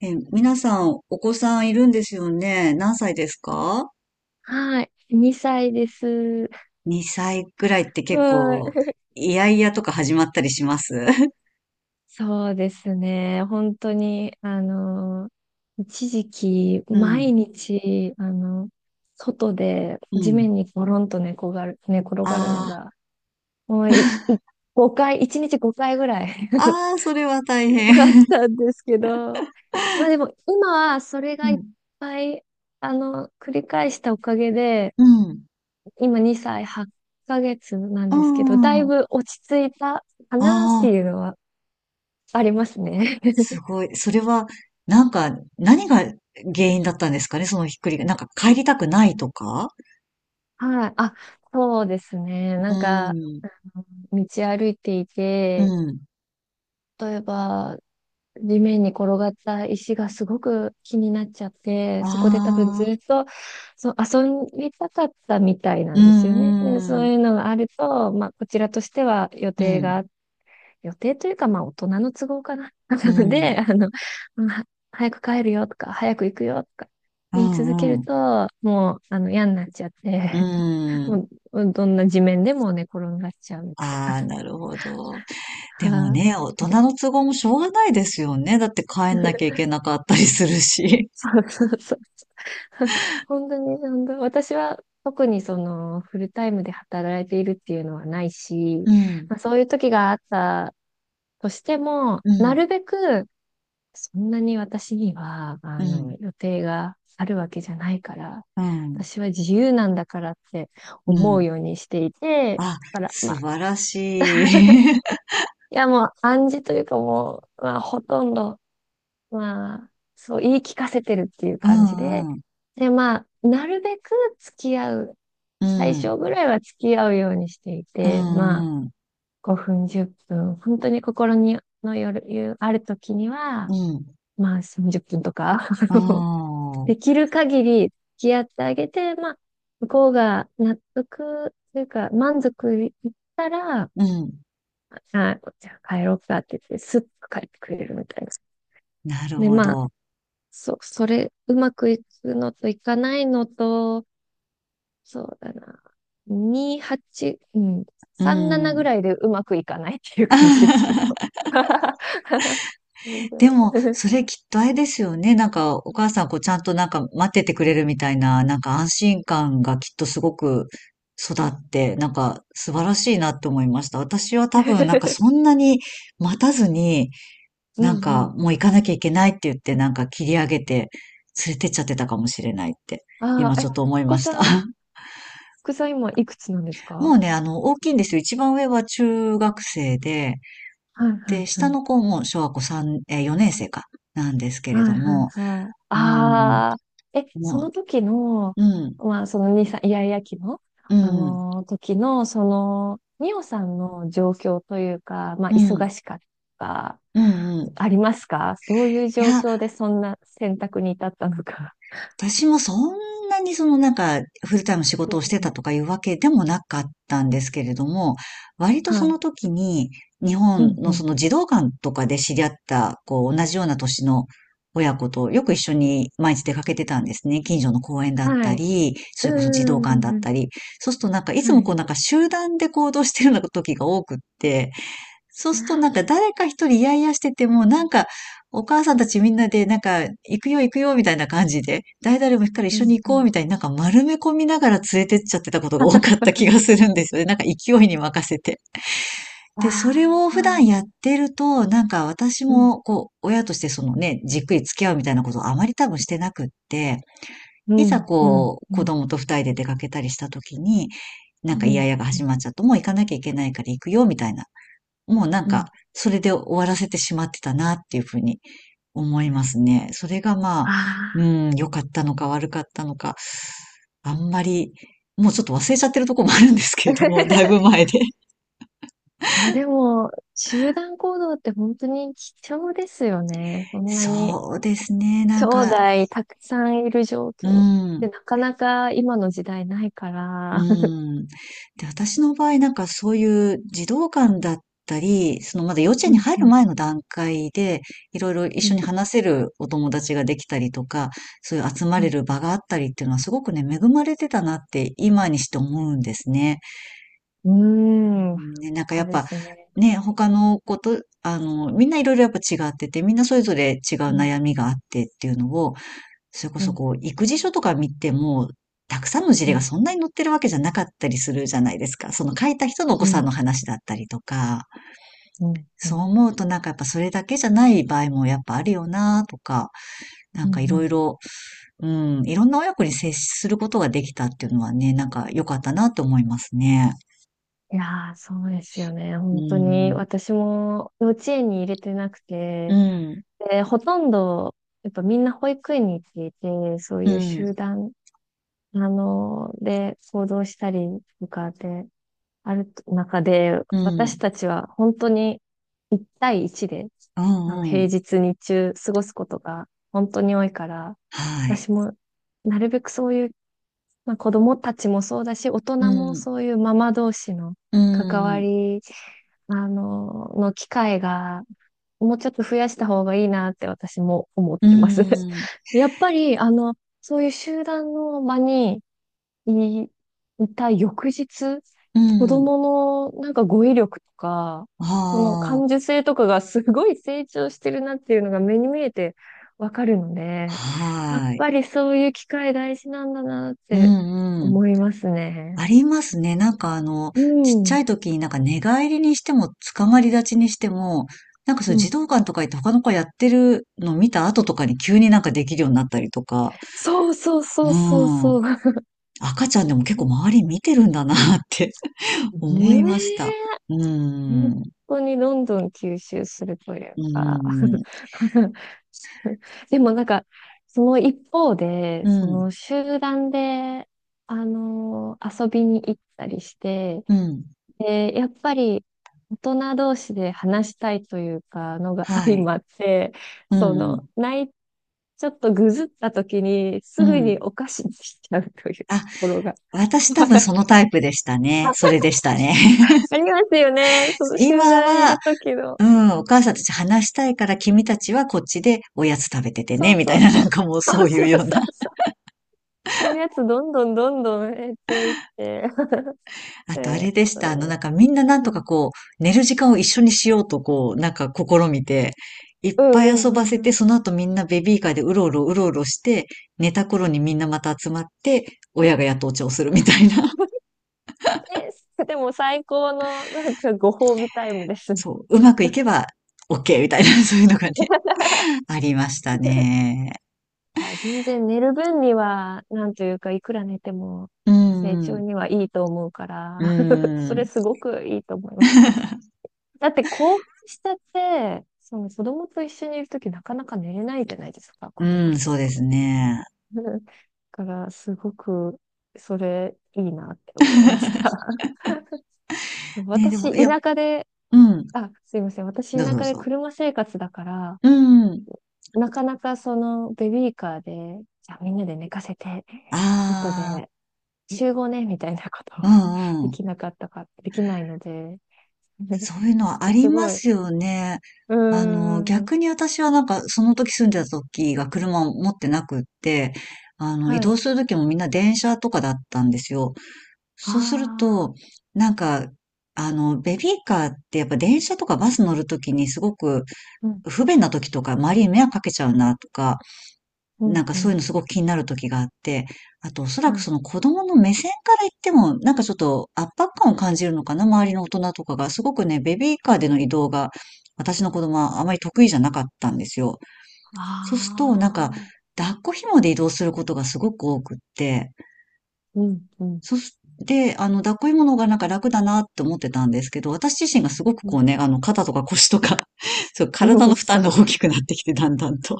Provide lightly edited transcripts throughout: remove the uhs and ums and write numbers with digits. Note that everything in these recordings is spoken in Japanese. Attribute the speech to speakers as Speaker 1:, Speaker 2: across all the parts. Speaker 1: 皆さん、お子さんいるんですよね。何歳ですか？
Speaker 2: はい。2歳です。
Speaker 1: 2 歳くらいって結
Speaker 2: は
Speaker 1: 構、
Speaker 2: い。
Speaker 1: いやいやとか始まったりします。
Speaker 2: そうですね。本当に、一時期、
Speaker 1: うん、
Speaker 2: 毎日、外で
Speaker 1: う
Speaker 2: 地
Speaker 1: ん。
Speaker 2: 面にゴロンと寝転がるの
Speaker 1: あ
Speaker 2: が、もうい、
Speaker 1: あ、
Speaker 2: い 5回、1日5回ぐらい
Speaker 1: ああ、それは大変。
Speaker 2: あっ たんですけど、まあでも、今はそれ
Speaker 1: う
Speaker 2: がいっ
Speaker 1: ん、
Speaker 2: ぱい、繰り返したおかげで、
Speaker 1: うん、
Speaker 2: 今2歳8ヶ月なん
Speaker 1: う
Speaker 2: ですけど、だい
Speaker 1: ん。
Speaker 2: ぶ落ち着いたかなって
Speaker 1: あ
Speaker 2: いう
Speaker 1: あ、
Speaker 2: のはありますね。
Speaker 1: すごい。それは、なんか、何が原因だったんですかね、そのひっくりが。なんか帰りたくないとか。
Speaker 2: はい。あ、そうですね。
Speaker 1: う
Speaker 2: なんか、
Speaker 1: ん、
Speaker 2: 道歩いてい
Speaker 1: う
Speaker 2: て、
Speaker 1: ん。
Speaker 2: 例えば、地面に転がった石がすごく気になっちゃって、
Speaker 1: あ
Speaker 2: そこで多分ず
Speaker 1: あ、
Speaker 2: っとそう遊びたかったみたいな
Speaker 1: う
Speaker 2: んですよね。で、そ
Speaker 1: ん、う
Speaker 2: う
Speaker 1: ん、
Speaker 2: いうのがあると、まあ、こちらとしては予
Speaker 1: う
Speaker 2: 定があ
Speaker 1: ん、
Speaker 2: っ予定というか、まあ、大人の都合かな。な
Speaker 1: う
Speaker 2: の
Speaker 1: ん、
Speaker 2: で、早く帰るよとか、早く行くよとか、
Speaker 1: う
Speaker 2: 言い続ける
Speaker 1: ん、
Speaker 2: と、もう、嫌になっちゃっ
Speaker 1: う
Speaker 2: て、
Speaker 1: ーん。
Speaker 2: もう、どんな地面でも寝転がっちゃうみた
Speaker 1: ああ、なるほど。
Speaker 2: い
Speaker 1: でも
Speaker 2: な。
Speaker 1: ね、
Speaker 2: あ、
Speaker 1: 大人の都合もしょうがないですよね。だって帰んなきゃいけなかったりするし。
Speaker 2: そうそうそう。本当に、本当、私は特にその、フルタイムで働いているっていうのはないし、
Speaker 1: うん、
Speaker 2: まあ、そういう時があったとしても、
Speaker 1: う
Speaker 2: な
Speaker 1: ん、
Speaker 2: るべくそんなに私には、
Speaker 1: うん、
Speaker 2: 予定があるわけじゃないから、
Speaker 1: うん、
Speaker 2: 私は自由なんだからって
Speaker 1: う
Speaker 2: 思う
Speaker 1: ん。
Speaker 2: ようにしていて、
Speaker 1: あ、
Speaker 2: だから、
Speaker 1: 素
Speaker 2: まあ、
Speaker 1: 晴らしい。
Speaker 2: いやもう暗示というかもう、まあ、ほとんど、まあ、そう言い聞かせてるっていう
Speaker 1: う
Speaker 2: 感じで、
Speaker 1: ん、うん、
Speaker 2: で、まあ、なるべく付き合う、
Speaker 1: う
Speaker 2: 最初ぐらいは付き合うようにして
Speaker 1: ん、
Speaker 2: い
Speaker 1: う
Speaker 2: て、まあ、
Speaker 1: ん、うん、
Speaker 2: 5分、10分、本当に心にのよる、ある時には、まあ、30分とか
Speaker 1: う ん、
Speaker 2: できる限り付き合ってあげて、まあ、向こうが納得というか、満足いったら、
Speaker 1: うん。
Speaker 2: あ、じゃあ帰ろうかって言って、スッと帰ってくれるみたいな。
Speaker 1: なる
Speaker 2: で、
Speaker 1: ほ
Speaker 2: まあ、
Speaker 1: ど。
Speaker 2: それ、うまくいくのといかないのと、そうだな、2、8、うん、
Speaker 1: う
Speaker 2: 3、7ぐ
Speaker 1: ん。
Speaker 2: らいでうまくいかないっていう感じですけど。
Speaker 1: でも、それきっとあれですよね。なんか、お母さんこうちゃんとなんか待っててくれるみたいな、なんか安心感がきっとすごく育って、なんか素晴らしいなって思いました。私は多分なんかそんなに待たずに、
Speaker 2: うん
Speaker 1: なん
Speaker 2: う
Speaker 1: か
Speaker 2: ん。
Speaker 1: もう行かなきゃいけないって言って、なんか切り上げて連れてっちゃってたかもしれないって、
Speaker 2: あ
Speaker 1: 今
Speaker 2: あ、
Speaker 1: ちょ
Speaker 2: え、
Speaker 1: っと思い
Speaker 2: お子
Speaker 1: まし
Speaker 2: さ
Speaker 1: た。
Speaker 2: ん、お 子さん今いくつなんです
Speaker 1: も
Speaker 2: か？
Speaker 1: うね、大きいんですよ。一番上は中学生で、
Speaker 2: はいはい
Speaker 1: で、下
Speaker 2: はい。
Speaker 1: の子も小学校3年生か、なんですけ
Speaker 2: は
Speaker 1: れど
Speaker 2: いはい
Speaker 1: も、
Speaker 2: はい。
Speaker 1: うん、
Speaker 2: ああ、え、そ
Speaker 1: も
Speaker 2: の時の、
Speaker 1: う、うん、
Speaker 2: まあ、そのにさんイヤイヤ期の、
Speaker 1: うん、うん、
Speaker 2: 時の、その、ミオさんの状況というか、まあ、
Speaker 1: う
Speaker 2: 忙しかった、
Speaker 1: ん、うん。
Speaker 2: ありますかそういう
Speaker 1: い
Speaker 2: 状
Speaker 1: や、
Speaker 2: 況でそんな選択に至ったのか。
Speaker 1: 私もそんなにそのなんか、フルタイム仕
Speaker 2: う
Speaker 1: 事を
Speaker 2: ん
Speaker 1: して
Speaker 2: う
Speaker 1: た
Speaker 2: ん、
Speaker 1: とかいうわけでもなかったんですけれども、割と
Speaker 2: は
Speaker 1: そ
Speaker 2: い。
Speaker 1: の時に、日
Speaker 2: う
Speaker 1: 本
Speaker 2: ん
Speaker 1: のそ
Speaker 2: う
Speaker 1: の児童館とかで知り合った、こう、同じような年の親子とよく一緒に毎日出かけてたんですね。近所の公園だ
Speaker 2: ん。
Speaker 1: っ
Speaker 2: は
Speaker 1: た
Speaker 2: い。
Speaker 1: り、そ
Speaker 2: う
Speaker 1: れこそ児童館だっ
Speaker 2: ーん。
Speaker 1: たり。そうするとなんか、い
Speaker 2: は
Speaker 1: つもこ
Speaker 2: い。
Speaker 1: うなんか集団で行動してるような時が多くって、そうするとなんか誰か一人イヤイヤしてても、なんかお母さんたちみんなでなんか行くよ行くよみたいな感じで、誰々も行くから一
Speaker 2: うん
Speaker 1: 緒に
Speaker 2: う
Speaker 1: 行こう
Speaker 2: ん。
Speaker 1: みたいになんか丸め込みながら連れてっちゃってたことが多かった 気がするんですよね。なんか勢いに任せて。
Speaker 2: あ
Speaker 1: で、それ
Speaker 2: あ、
Speaker 1: を
Speaker 2: そ
Speaker 1: 普段やっ
Speaker 2: う。
Speaker 1: てると、なんか私
Speaker 2: うん。
Speaker 1: もこう、親としてそのね、じっくり付き合うみたいなことをあまり多分してなくって、
Speaker 2: う
Speaker 1: いざ
Speaker 2: ん。うん。
Speaker 1: こう、
Speaker 2: う
Speaker 1: 子
Speaker 2: ん。
Speaker 1: 供と二人で出かけたりした時に、
Speaker 2: う
Speaker 1: なんかイヤ
Speaker 2: ん。
Speaker 1: イヤが始まっちゃうと、もう行かなきゃいけないから行くよ、みたいなもうなん
Speaker 2: う
Speaker 1: か、
Speaker 2: ん。
Speaker 1: それで終わらせてしまってたなっていうふうに思いますね。それがまあ、
Speaker 2: あ
Speaker 1: う
Speaker 2: あ。
Speaker 1: ん、良かったのか悪かったのか、あんまり、もうちょっと忘れちゃってるとこもあるんですけ れども、だいぶ
Speaker 2: い
Speaker 1: 前で。
Speaker 2: や、でも、集団行動って本当に貴重ですよね。そんなに、
Speaker 1: そうですね、な
Speaker 2: 兄
Speaker 1: んか、
Speaker 2: 弟たくさんいる状
Speaker 1: う
Speaker 2: 況。で、
Speaker 1: ん。
Speaker 2: なかなか今の時代ないか
Speaker 1: う
Speaker 2: ら。
Speaker 1: ん。で、私の場合なんかそういう児童館だったり、そのまだ幼稚
Speaker 2: う
Speaker 1: 園に
Speaker 2: ん、
Speaker 1: 入
Speaker 2: う
Speaker 1: る
Speaker 2: ん、
Speaker 1: 前の段階で、いろいろ一
Speaker 2: う
Speaker 1: 緒に
Speaker 2: ん、
Speaker 1: 話せるお友達ができたりとか、そういう集ま
Speaker 2: う
Speaker 1: れ
Speaker 2: ん。
Speaker 1: る場があったりっていうのはすごくね、恵まれてたなって今にして思うんですね。
Speaker 2: うーん、
Speaker 1: うん、ね、なんか
Speaker 2: そ
Speaker 1: や
Speaker 2: う
Speaker 1: っ
Speaker 2: で
Speaker 1: ぱ、
Speaker 2: すね。
Speaker 1: ね、他の子と、みんないろいろやっぱ違ってて、みんなそれぞれ違う
Speaker 2: うん、
Speaker 1: 悩みがあってっていうのを、それこ
Speaker 2: う
Speaker 1: そ
Speaker 2: ん、
Speaker 1: こう、育児書とか見ても、たくさんの事
Speaker 2: う
Speaker 1: 例が
Speaker 2: ん、
Speaker 1: そんなに載ってるわけじゃなかったりするじゃないですか。その書いた人のお
Speaker 2: う
Speaker 1: 子さん
Speaker 2: ん、
Speaker 1: の話だったりとか、
Speaker 2: うん、う
Speaker 1: そう
Speaker 2: ん、
Speaker 1: 思うとなんかやっぱそれだけじゃない場合もやっぱあるよなとか、な
Speaker 2: う
Speaker 1: ん
Speaker 2: ん。
Speaker 1: かい
Speaker 2: う
Speaker 1: ろい
Speaker 2: ん。
Speaker 1: ろ、うん、いろんな親子に接することができたっていうのはね、なんか良かったなと思いますね。
Speaker 2: いやー、そうですよね。
Speaker 1: う
Speaker 2: 本当に、
Speaker 1: ん、
Speaker 2: 私も幼稚園に入れてなく
Speaker 1: う
Speaker 2: て、
Speaker 1: ん、
Speaker 2: で、ほとんど、やっぱみんな保育園に行っていて、そう
Speaker 1: う
Speaker 2: いう
Speaker 1: ん、
Speaker 2: 集団で、行動したりとかで、ある中で、
Speaker 1: う
Speaker 2: 私
Speaker 1: ん、
Speaker 2: たちは本当に一対一で、
Speaker 1: うん、う
Speaker 2: 平
Speaker 1: ん、
Speaker 2: 日日中過ごすことが本当に多いから、
Speaker 1: はい。
Speaker 2: 私もなるべくそういう、まあ、子供たちもそうだし、大
Speaker 1: う
Speaker 2: 人も
Speaker 1: ん、
Speaker 2: そういうママ同士の
Speaker 1: う
Speaker 2: 関わ
Speaker 1: ん、
Speaker 2: り、の機会が、もうちょっと増やした方がいいなって私も思っ
Speaker 1: う
Speaker 2: てます。
Speaker 1: ん、
Speaker 2: やっぱり、そういう集団の場にい、いた翌日、
Speaker 1: う
Speaker 2: 子
Speaker 1: ん、
Speaker 2: 供のなんか語彙力とか、
Speaker 1: は
Speaker 2: その感
Speaker 1: あ。
Speaker 2: 受性とかがすごい成長してるなっていうのが目に見えてわかるので、やっ
Speaker 1: はーい。
Speaker 2: ぱりそういう機会大事なんだなっ
Speaker 1: う
Speaker 2: て
Speaker 1: んうん。
Speaker 2: 思いますね。
Speaker 1: ありますね。なんか
Speaker 2: う
Speaker 1: ちっちゃい
Speaker 2: ん。
Speaker 1: 時になんか寝返りにしても、捕まり立ちにしても、なんかそうい
Speaker 2: う
Speaker 1: う児
Speaker 2: ん。
Speaker 1: 童館とか行って他の子やってるの見た後とかに急になんかできるようになったりとか、
Speaker 2: そうそう
Speaker 1: う
Speaker 2: そうそう
Speaker 1: ん。
Speaker 2: そう。
Speaker 1: 赤ちゃんでも結構周り見てるんだなって
Speaker 2: ね
Speaker 1: 思いました。
Speaker 2: え。
Speaker 1: う
Speaker 2: 本
Speaker 1: ん。
Speaker 2: 当にどんどん吸収するという
Speaker 1: う
Speaker 2: か
Speaker 1: ん。
Speaker 2: でもなんか、その一方で、
Speaker 1: う
Speaker 2: そ
Speaker 1: ん。
Speaker 2: の集団で、あの遊びに行ったりして、
Speaker 1: うん。
Speaker 2: で、やっぱり大人同士で話したいというか、のが
Speaker 1: は
Speaker 2: 相
Speaker 1: い。
Speaker 2: まって、
Speaker 1: う
Speaker 2: そ
Speaker 1: んう
Speaker 2: の、
Speaker 1: ん。
Speaker 2: ない、ちょっとぐずった時に、
Speaker 1: う
Speaker 2: すぐに
Speaker 1: ん。
Speaker 2: お菓子にしちゃうというと
Speaker 1: あ、
Speaker 2: ころが。
Speaker 1: 私多分そ のタイプでしたね。それでしたね。
Speaker 2: ありますよね。その集
Speaker 1: 今
Speaker 2: 団にい
Speaker 1: は、
Speaker 2: る時の。
Speaker 1: うん、お母さんたち話したいから君たちはこっちでおやつ食べてて
Speaker 2: そ
Speaker 1: ね、
Speaker 2: う
Speaker 1: みた
Speaker 2: そ
Speaker 1: い
Speaker 2: う
Speaker 1: な
Speaker 2: そ
Speaker 1: なん
Speaker 2: う。
Speaker 1: かもう
Speaker 2: そ
Speaker 1: そ
Speaker 2: う
Speaker 1: うい
Speaker 2: そ
Speaker 1: う
Speaker 2: う
Speaker 1: よう
Speaker 2: そ
Speaker 1: な。
Speaker 2: うそう。おやつどんどんどんどん減っていって。
Speaker 1: あとあ
Speaker 2: え、
Speaker 1: れでし
Speaker 2: そう
Speaker 1: た。
Speaker 2: いうの。
Speaker 1: なんかみんななん
Speaker 2: う
Speaker 1: とか
Speaker 2: ん。
Speaker 1: こう、寝る時間を一緒にしようとこう、なんか試みて、いっ
Speaker 2: うん
Speaker 1: ぱい
Speaker 2: う
Speaker 1: 遊
Speaker 2: んう
Speaker 1: ば
Speaker 2: ん
Speaker 1: せ
Speaker 2: う
Speaker 1: て、
Speaker 2: ん。
Speaker 1: その後みんなベビーカーでうろうろうろうろして、寝た頃にみんなまた集まって、親がやっとお茶をするみたいな。
Speaker 2: え、でも最高のなんかご褒美タイムで すね。
Speaker 1: そう、うまくいけば OK みたいな、そういうのがね、ありましたね。
Speaker 2: あ、全然寝る分には、なんというか、いくら寝ても
Speaker 1: う
Speaker 2: 成長
Speaker 1: ん、
Speaker 2: にはいいと思うか
Speaker 1: う
Speaker 2: ら、そ
Speaker 1: ん、
Speaker 2: れすごくいいと思いますね。だって興奮したって、その子供と一緒にいるときなかなか寝れないじゃないですか、
Speaker 1: う
Speaker 2: 子供っ
Speaker 1: ん、そ
Speaker 2: て。
Speaker 1: うですね。
Speaker 2: から、すごく、それ、いいなって思いまし た。
Speaker 1: ね、でも、
Speaker 2: 私、
Speaker 1: いや、
Speaker 2: 田舎で、
Speaker 1: うん。
Speaker 2: あ、すいません。私、
Speaker 1: どう
Speaker 2: 田
Speaker 1: ぞどう
Speaker 2: 舎で
Speaker 1: ぞ。
Speaker 2: 車生活だから、
Speaker 1: うんうん。
Speaker 2: なかなかその、ベビーカーで、じゃあみんなで寝かせて、後
Speaker 1: あ
Speaker 2: で集合ね、みたいなこと
Speaker 1: あ、う
Speaker 2: は
Speaker 1: ん
Speaker 2: で
Speaker 1: うん。
Speaker 2: きなかったか、できないので、
Speaker 1: そ ういうの
Speaker 2: す
Speaker 1: はありま
Speaker 2: ごい。う
Speaker 1: すよね。
Speaker 2: ーん。
Speaker 1: 逆に私はなんか、その時住んでた時が車を持ってなくって、移
Speaker 2: は
Speaker 1: 動
Speaker 2: い。
Speaker 1: する時もみんな電車とかだったんですよ。
Speaker 2: あ
Speaker 1: そうする
Speaker 2: あ。
Speaker 1: と、なんか、ベビーカーってやっぱ電車とかバス乗る時にすごく
Speaker 2: うん、
Speaker 1: 不便な時とか、周りに迷惑かけちゃうなとか、
Speaker 2: う
Speaker 1: なん
Speaker 2: ん、
Speaker 1: か
Speaker 2: う
Speaker 1: そうい
Speaker 2: ん。
Speaker 1: うのすごく気になる時があって、あとおそ
Speaker 2: は
Speaker 1: らく
Speaker 2: い、
Speaker 1: その子供の目線から言っても、なんかちょっと圧迫感を感じるのかな、周りの大人とかが。すごくね、ベビーカ
Speaker 2: は
Speaker 1: ー
Speaker 2: い。
Speaker 1: での移動が、私の子供はあまり得意じゃなかったんですよ。そうすると、なん
Speaker 2: あ
Speaker 1: か、
Speaker 2: あ。
Speaker 1: 抱っこ紐で移動することがすごく多くって、
Speaker 2: うん、うん、
Speaker 1: そして、抱っこ紐の方がなんか楽だなって思ってたんですけど、私自身がすごく
Speaker 2: う
Speaker 1: こ
Speaker 2: ん。
Speaker 1: うね、肩とか腰とか そう、体
Speaker 2: う
Speaker 1: の
Speaker 2: ん、
Speaker 1: 負
Speaker 2: そ
Speaker 1: 担が大
Speaker 2: う。
Speaker 1: きくなってきて、だんだんと。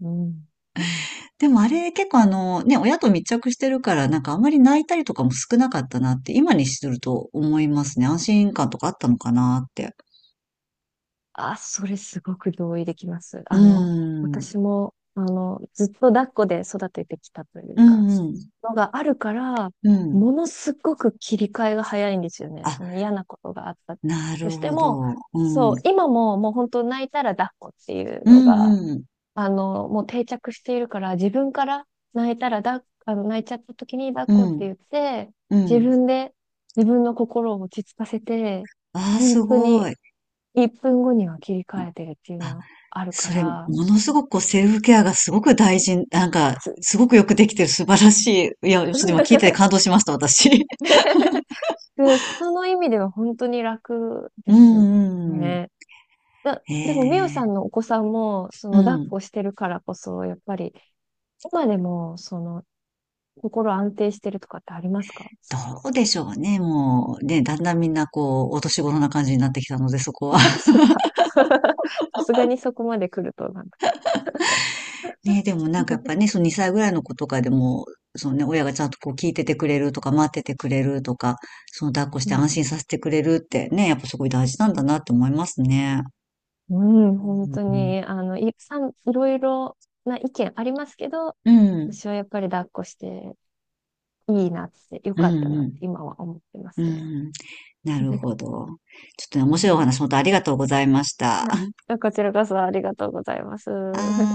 Speaker 2: うん。うん。
Speaker 1: でもあれ、結構ね、親と密着してるから、なんかあんまり泣いたりとかも少なかったなって、今にすると思いますね。安心感とかあったのかなって。
Speaker 2: あ、それすごく同意できます。
Speaker 1: うーん。
Speaker 2: 私も、ずっと抱っこで育ててきたとい
Speaker 1: う
Speaker 2: うか、
Speaker 1: んうん。
Speaker 2: のがあるから、
Speaker 1: うん。
Speaker 2: ものすごく切り替えが早いんですよね。
Speaker 1: あ、
Speaker 2: その嫌なことがあった
Speaker 1: な
Speaker 2: と
Speaker 1: る
Speaker 2: して
Speaker 1: ほ
Speaker 2: も、
Speaker 1: ど。う
Speaker 2: そう、
Speaker 1: ん。
Speaker 2: 今ももう本当泣いたら抱っこっていう
Speaker 1: う
Speaker 2: のが、
Speaker 1: んうん。
Speaker 2: もう定着しているから、自分から泣いたら抱っ、泣いちゃった時に抱っ
Speaker 1: う
Speaker 2: こって
Speaker 1: ん。
Speaker 2: 言って、
Speaker 1: う
Speaker 2: 自
Speaker 1: ん。
Speaker 2: 分で自分の心を落ち着かせて、
Speaker 1: ああ、
Speaker 2: 本
Speaker 1: す
Speaker 2: 当
Speaker 1: ご
Speaker 2: に
Speaker 1: い。
Speaker 2: 1分後には切り替えてるっていう
Speaker 1: あ、
Speaker 2: のはあるか
Speaker 1: それ、も
Speaker 2: ら、
Speaker 1: のすごくこうセルフケアがすごく大事、なんか、
Speaker 2: つ
Speaker 1: すごくよくできてる素晴らしい。いや、ちょっと今聞いてて 感動しました、私。
Speaker 2: でその意味では本当に楽
Speaker 1: う
Speaker 2: で
Speaker 1: ん
Speaker 2: す
Speaker 1: うんうん。
Speaker 2: ね。でも、みお
Speaker 1: え
Speaker 2: さ
Speaker 1: え。
Speaker 2: んのお子さんも、そ
Speaker 1: う
Speaker 2: の、抱っ
Speaker 1: ん。
Speaker 2: こしてるからこそ、やっぱり、今でも、その、心安定してるとかってありますか？
Speaker 1: どうでしょうね。もう、ね、だんだんみんなこう、お年頃な感じになってきたので、そこ は。
Speaker 2: あ、そっか。さすがにそこまで来ると、なんか。
Speaker 1: ね、でもなんかやっぱね、その2歳ぐらいの子とかでも、そのね、親がちゃんとこう聞いててくれるとか、待っててくれるとか、その抱っこし
Speaker 2: う
Speaker 1: て
Speaker 2: ん、
Speaker 1: 安心させてくれるってね、やっぱすごい大事なんだなって思いますね。
Speaker 2: うん、
Speaker 1: う
Speaker 2: 本当
Speaker 1: ん。
Speaker 2: に、い、さん、いろいろな意見ありますけど、
Speaker 1: うん。
Speaker 2: 私はやっぱり抱っこしていいなって、良
Speaker 1: うん
Speaker 2: かったな
Speaker 1: う
Speaker 2: って
Speaker 1: ん。
Speaker 2: 今は思ってます
Speaker 1: う
Speaker 2: ね。
Speaker 1: ん。なる ほど。ちょっとね、
Speaker 2: は
Speaker 1: 面白いお
Speaker 2: い。
Speaker 1: 話、本当ありがとうございました。
Speaker 2: あ、こちらこそありがとうございます。
Speaker 1: あー